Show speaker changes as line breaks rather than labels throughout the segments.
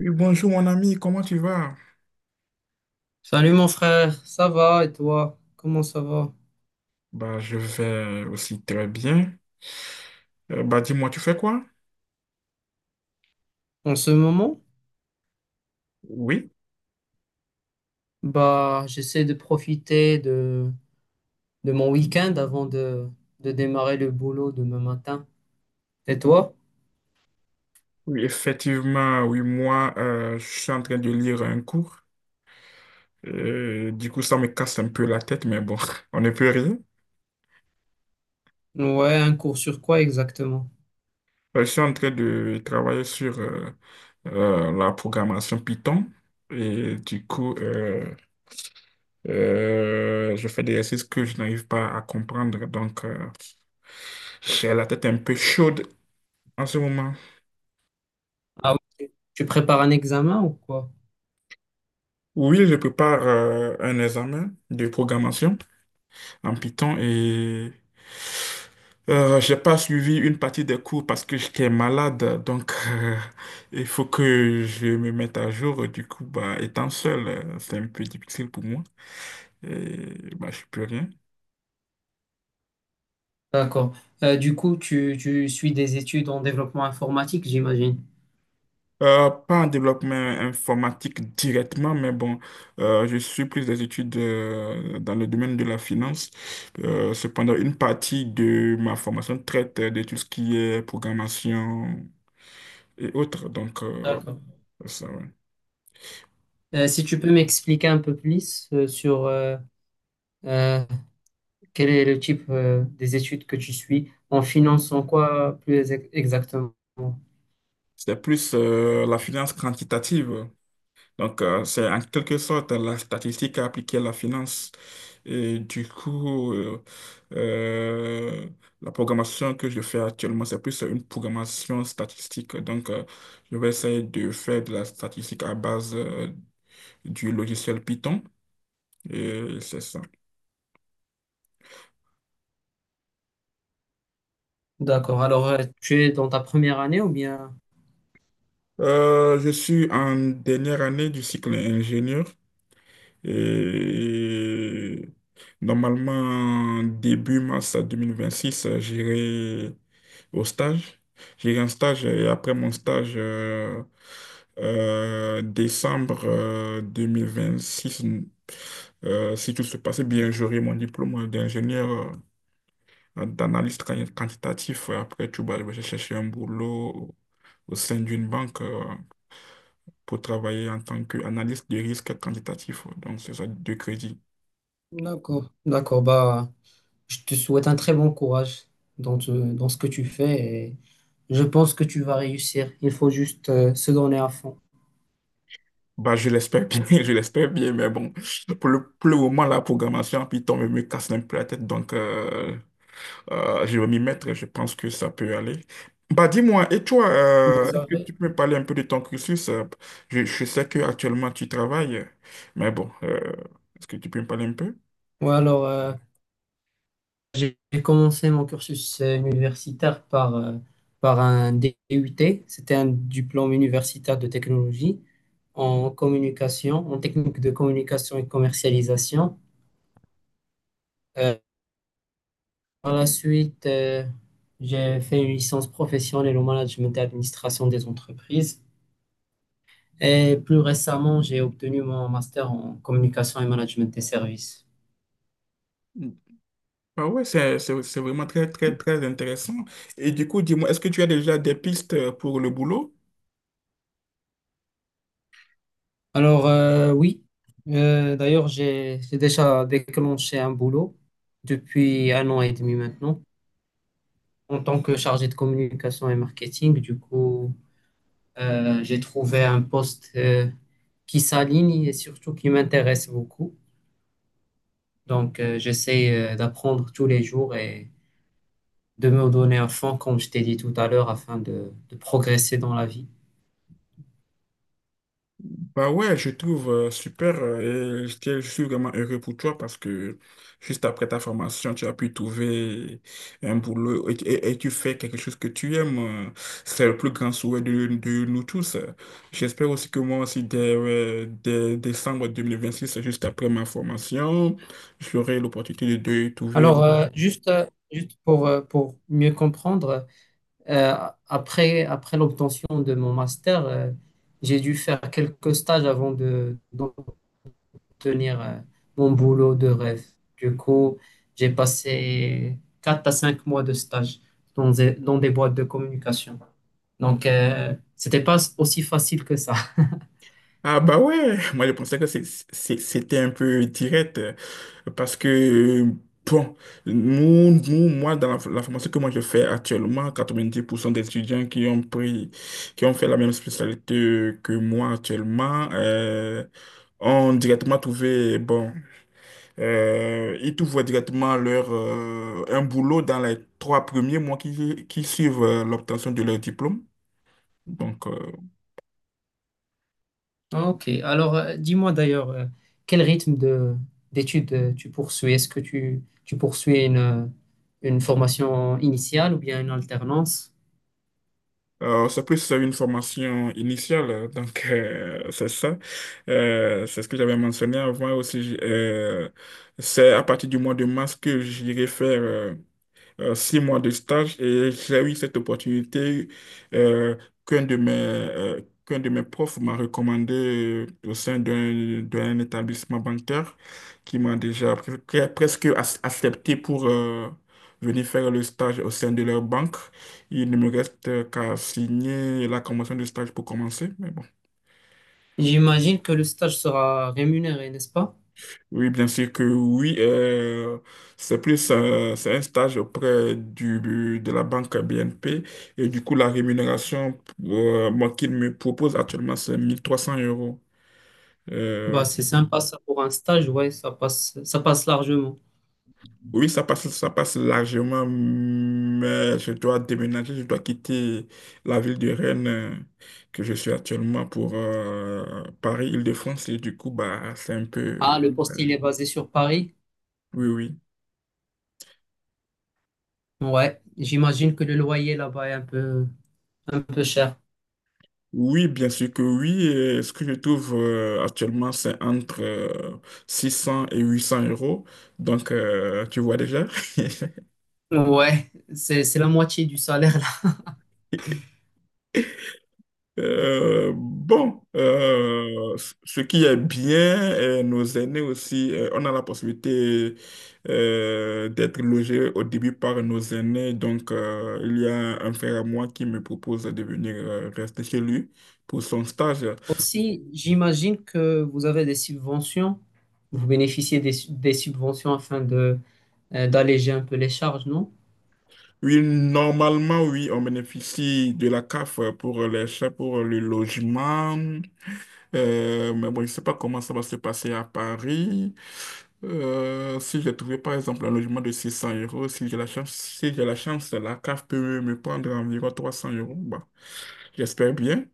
Oui, bonjour mon ami, comment tu vas?
Salut mon frère, ça va et toi? Comment ça va?
Bah, je vais aussi très bien. Bah, dis-moi, tu fais quoi?
En ce moment,
Oui,
j'essaie de profiter de mon week-end avant de démarrer le boulot demain matin. Et toi?
oui, effectivement, oui, moi, je suis en train de lire un cours. Du coup, ça me casse un peu la tête, mais bon, on ne peut rien.
Ouais, un cours sur quoi exactement?
Je suis en train de travailler sur la programmation Python. Et du coup, je fais des exercices que je n'arrive pas à comprendre. Donc, j'ai la tête un peu chaude en ce moment.
Ah oui, tu prépares un examen ou quoi?
Oui, je prépare un examen de programmation en Python et j'ai pas suivi une partie des cours parce que j'étais malade, donc il faut que je me mette à jour. Du coup, bah, étant seul, c'est un peu difficile pour moi et bah, je peux rien.
D'accord. Du coup, tu suis des études en développement informatique, j'imagine.
Pas en développement informatique directement, mais bon, je suis plus des études dans le domaine de la finance. Cependant, une partie de ma formation traite de tout ce qui est programmation et autres. Donc,
D'accord.
ça, ouais.
Si tu peux m'expliquer un peu plus sur euh, quel est le type des études que tu suis? En finance, en quoi plus exactement?
C'est plus la finance quantitative. Donc, c'est en quelque sorte la statistique appliquée à la finance. Et du coup, euh, la programmation que je fais actuellement, c'est plus une programmation statistique. Donc, je vais essayer de faire de la statistique à base du logiciel Python. Et c'est ça.
D'accord. Alors, tu es dans ta première année ou bien?
Je suis en dernière année du cycle ingénieur et normalement début mars 2026 j'irai au stage. J'ai eu un stage et après mon stage, décembre 2026, si tout se passait bien, j'aurai mon diplôme d'ingénieur d'analyste quantitatif. Après, tu vas je vais chercher un boulot au sein d'une banque pour travailler en tant qu'analyste de risque quantitatif. Donc, c'est ça, de crédit.
D'accord, d'accord. Bah, je te souhaite un très bon courage dans ce que tu fais et je pense que tu vas réussir. Il faut juste se donner à fond.
Bah, je l'espère bien, je l'espère bien, mais bon, pour le moment, la programmation en Python me casse un peu la tête, donc je vais m'y mettre, je pense que ça peut aller. Bah, dis-moi, et toi,
Vous
est-ce que
avez-
tu peux me parler un peu de ton cursus? Je sais que actuellement tu travailles, mais bon, est-ce que tu peux me parler un peu?
Ouais, alors, j'ai commencé mon cursus universitaire par un DUT. C'était un diplôme universitaire de technologie en communication, en technique de communication et commercialisation. Euh, Par la suite, j'ai fait une licence professionnelle au management et administration des entreprises. Et plus récemment, j'ai obtenu mon master en communication et management des services.
Bah ouais, c'est vraiment très, très, très intéressant. Et du coup, dis-moi, est-ce que tu as déjà des pistes pour le boulot?
Alors, oui, d'ailleurs, j'ai déjà déclenché un boulot depuis un an et demi maintenant en tant que chargé de communication et marketing. Du coup, j'ai trouvé un poste qui s'aligne et surtout qui m'intéresse beaucoup. Donc, j'essaie d'apprendre tous les jours et de me donner à fond, comme je t'ai dit tout à l'heure, afin de progresser dans la vie.
Bah ouais, je trouve super et je suis vraiment heureux pour toi parce que juste après ta formation, tu as pu trouver un boulot et tu fais quelque chose que tu aimes. euh, C'est le plus grand souhait de nous tous. J'espère aussi que moi aussi, dès décembre 2026 juste après ma formation, j'aurai l'opportunité de trouver.
Alors, juste, juste pour mieux comprendre, euh, après, après l'obtention de mon master, j'ai dû faire quelques stages d'obtenir, mon boulot de rêve. Du coup, j'ai passé 4 à 5 mois de stage dans des boîtes de communication. Donc, c'était pas aussi facile que ça.
Ah bah ouais, moi je pensais que c'était un peu direct parce que, bon, moi, dans la formation que moi je fais actuellement, 90% des étudiants qui ont pris, qui ont fait la même spécialité que moi actuellement, ont directement trouvé, bon, ils trouvent directement un boulot dans les trois premiers mois qui suivent l'obtention de leur diplôme. Donc,
Ok, alors dis-moi d'ailleurs, quel rythme de d'études tu poursuis? Est-ce que tu poursuis une formation initiale ou bien une alternance?
C'est plus une formation initiale, donc c'est ça. C'est ce que j'avais mentionné avant aussi. C'est à partir du mois de mars que j'irai faire 6 mois de stage et j'ai eu cette opportunité euh, qu'un de mes profs m'a recommandé au sein d'un établissement bancaire qui m'a déjà presque accepté pour venir faire le stage au sein de leur banque. Il ne me reste qu'à signer la convention de stage pour commencer, mais bon.
J'imagine que le stage sera rémunéré, n'est-ce pas?
Oui, bien sûr que oui. C'est un stage auprès de la banque BNP. Et du coup, la rémunération moi, qu'il me propose actuellement, c'est 1300 euros. Euh,
Bah, c'est sympa ça pour un stage, ouais, ça passe largement.
oui, ça passe largement, mais je dois déménager, je dois quitter la ville de Rennes que je suis actuellement pour Paris, Île-de-France. Et du coup, bah, c'est un peu...
Ah, le poste, il est basé sur Paris?
Oui, oui.
Ouais, j'imagine que le loyer là-bas est un peu cher.
Oui, bien sûr que oui. Et ce que je trouve actuellement, c'est entre 600 et 800 euros. Donc, tu vois déjà.
Ouais, c'est la moitié du salaire.
Bon, ce qui est bien, et nos aînés aussi, on a la possibilité d'être logés au début par nos aînés. Donc, il y a un frère à moi qui me propose de venir rester chez lui pour son stage.
Aussi, j'imagine que vous avez des subventions, vous bénéficiez des subventions afin de d'alléger un peu les charges, non?
Oui, normalement, oui, on bénéficie de la CAF pour les chats, pour le logement. Mais bon, je ne sais pas comment ça va se passer à Paris. Si j'ai trouvé, par exemple, un logement de 600 euros, si j'ai la chance, si j'ai la chance, la CAF peut me prendre environ 300 euros. Bah, j'espère bien.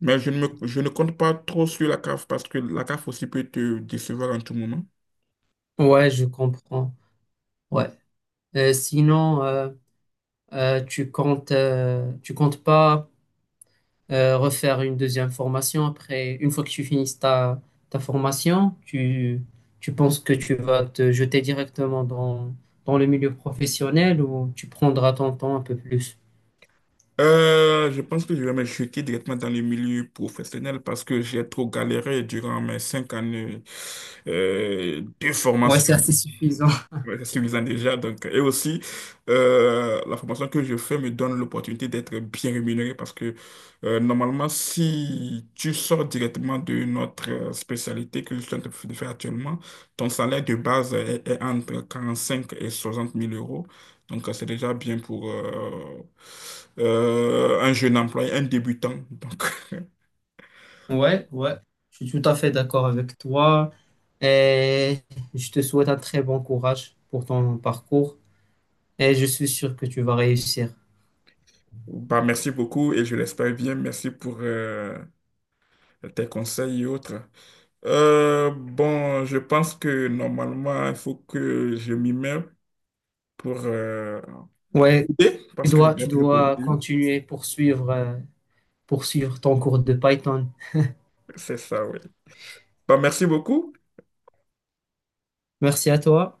Mais je ne compte pas trop sur la CAF parce que la CAF aussi peut te décevoir en tout moment.
Ouais, je comprends. Ouais. Sinon, tu comptes pas. Refaire une deuxième formation. Après, une fois que tu finisses ta, ta formation, tu penses que tu vas te jeter directement dans, dans le milieu professionnel ou tu prendras ton temps un peu plus?
Je pense que je vais me jeter directement dans le milieu professionnel parce que j'ai trop galéré durant mes 5 années de
Ouais,
formation.
c'est assez suffisant.
Ouais, c'est suffisant déjà. Donc, et aussi, la formation que je fais me donne l'opportunité d'être bien rémunéré parce que normalement, si tu sors directement de notre spécialité que je suis en train de faire actuellement, ton salaire de base est entre 45 et 60 000 euros. Donc, c'est déjà bien pour un jeune employé, un débutant. Donc.
Ouais, ouais, je suis tout à fait d'accord avec toi et je te souhaite un très bon courage pour ton parcours et je suis sûr que tu vas réussir.
Bah, merci beaucoup et je l'espère bien. Merci pour tes conseils et autres. Bon, je pense que normalement, il faut que je m'y mets pour
Ouais,
coder,
tu
parce que je
dois,
dois
tu
être le coder.
dois
Oui.
continuer, poursuivre, poursuivre ton cours de Python.
C'est ça, oui. Bah, merci beaucoup.
Merci à toi.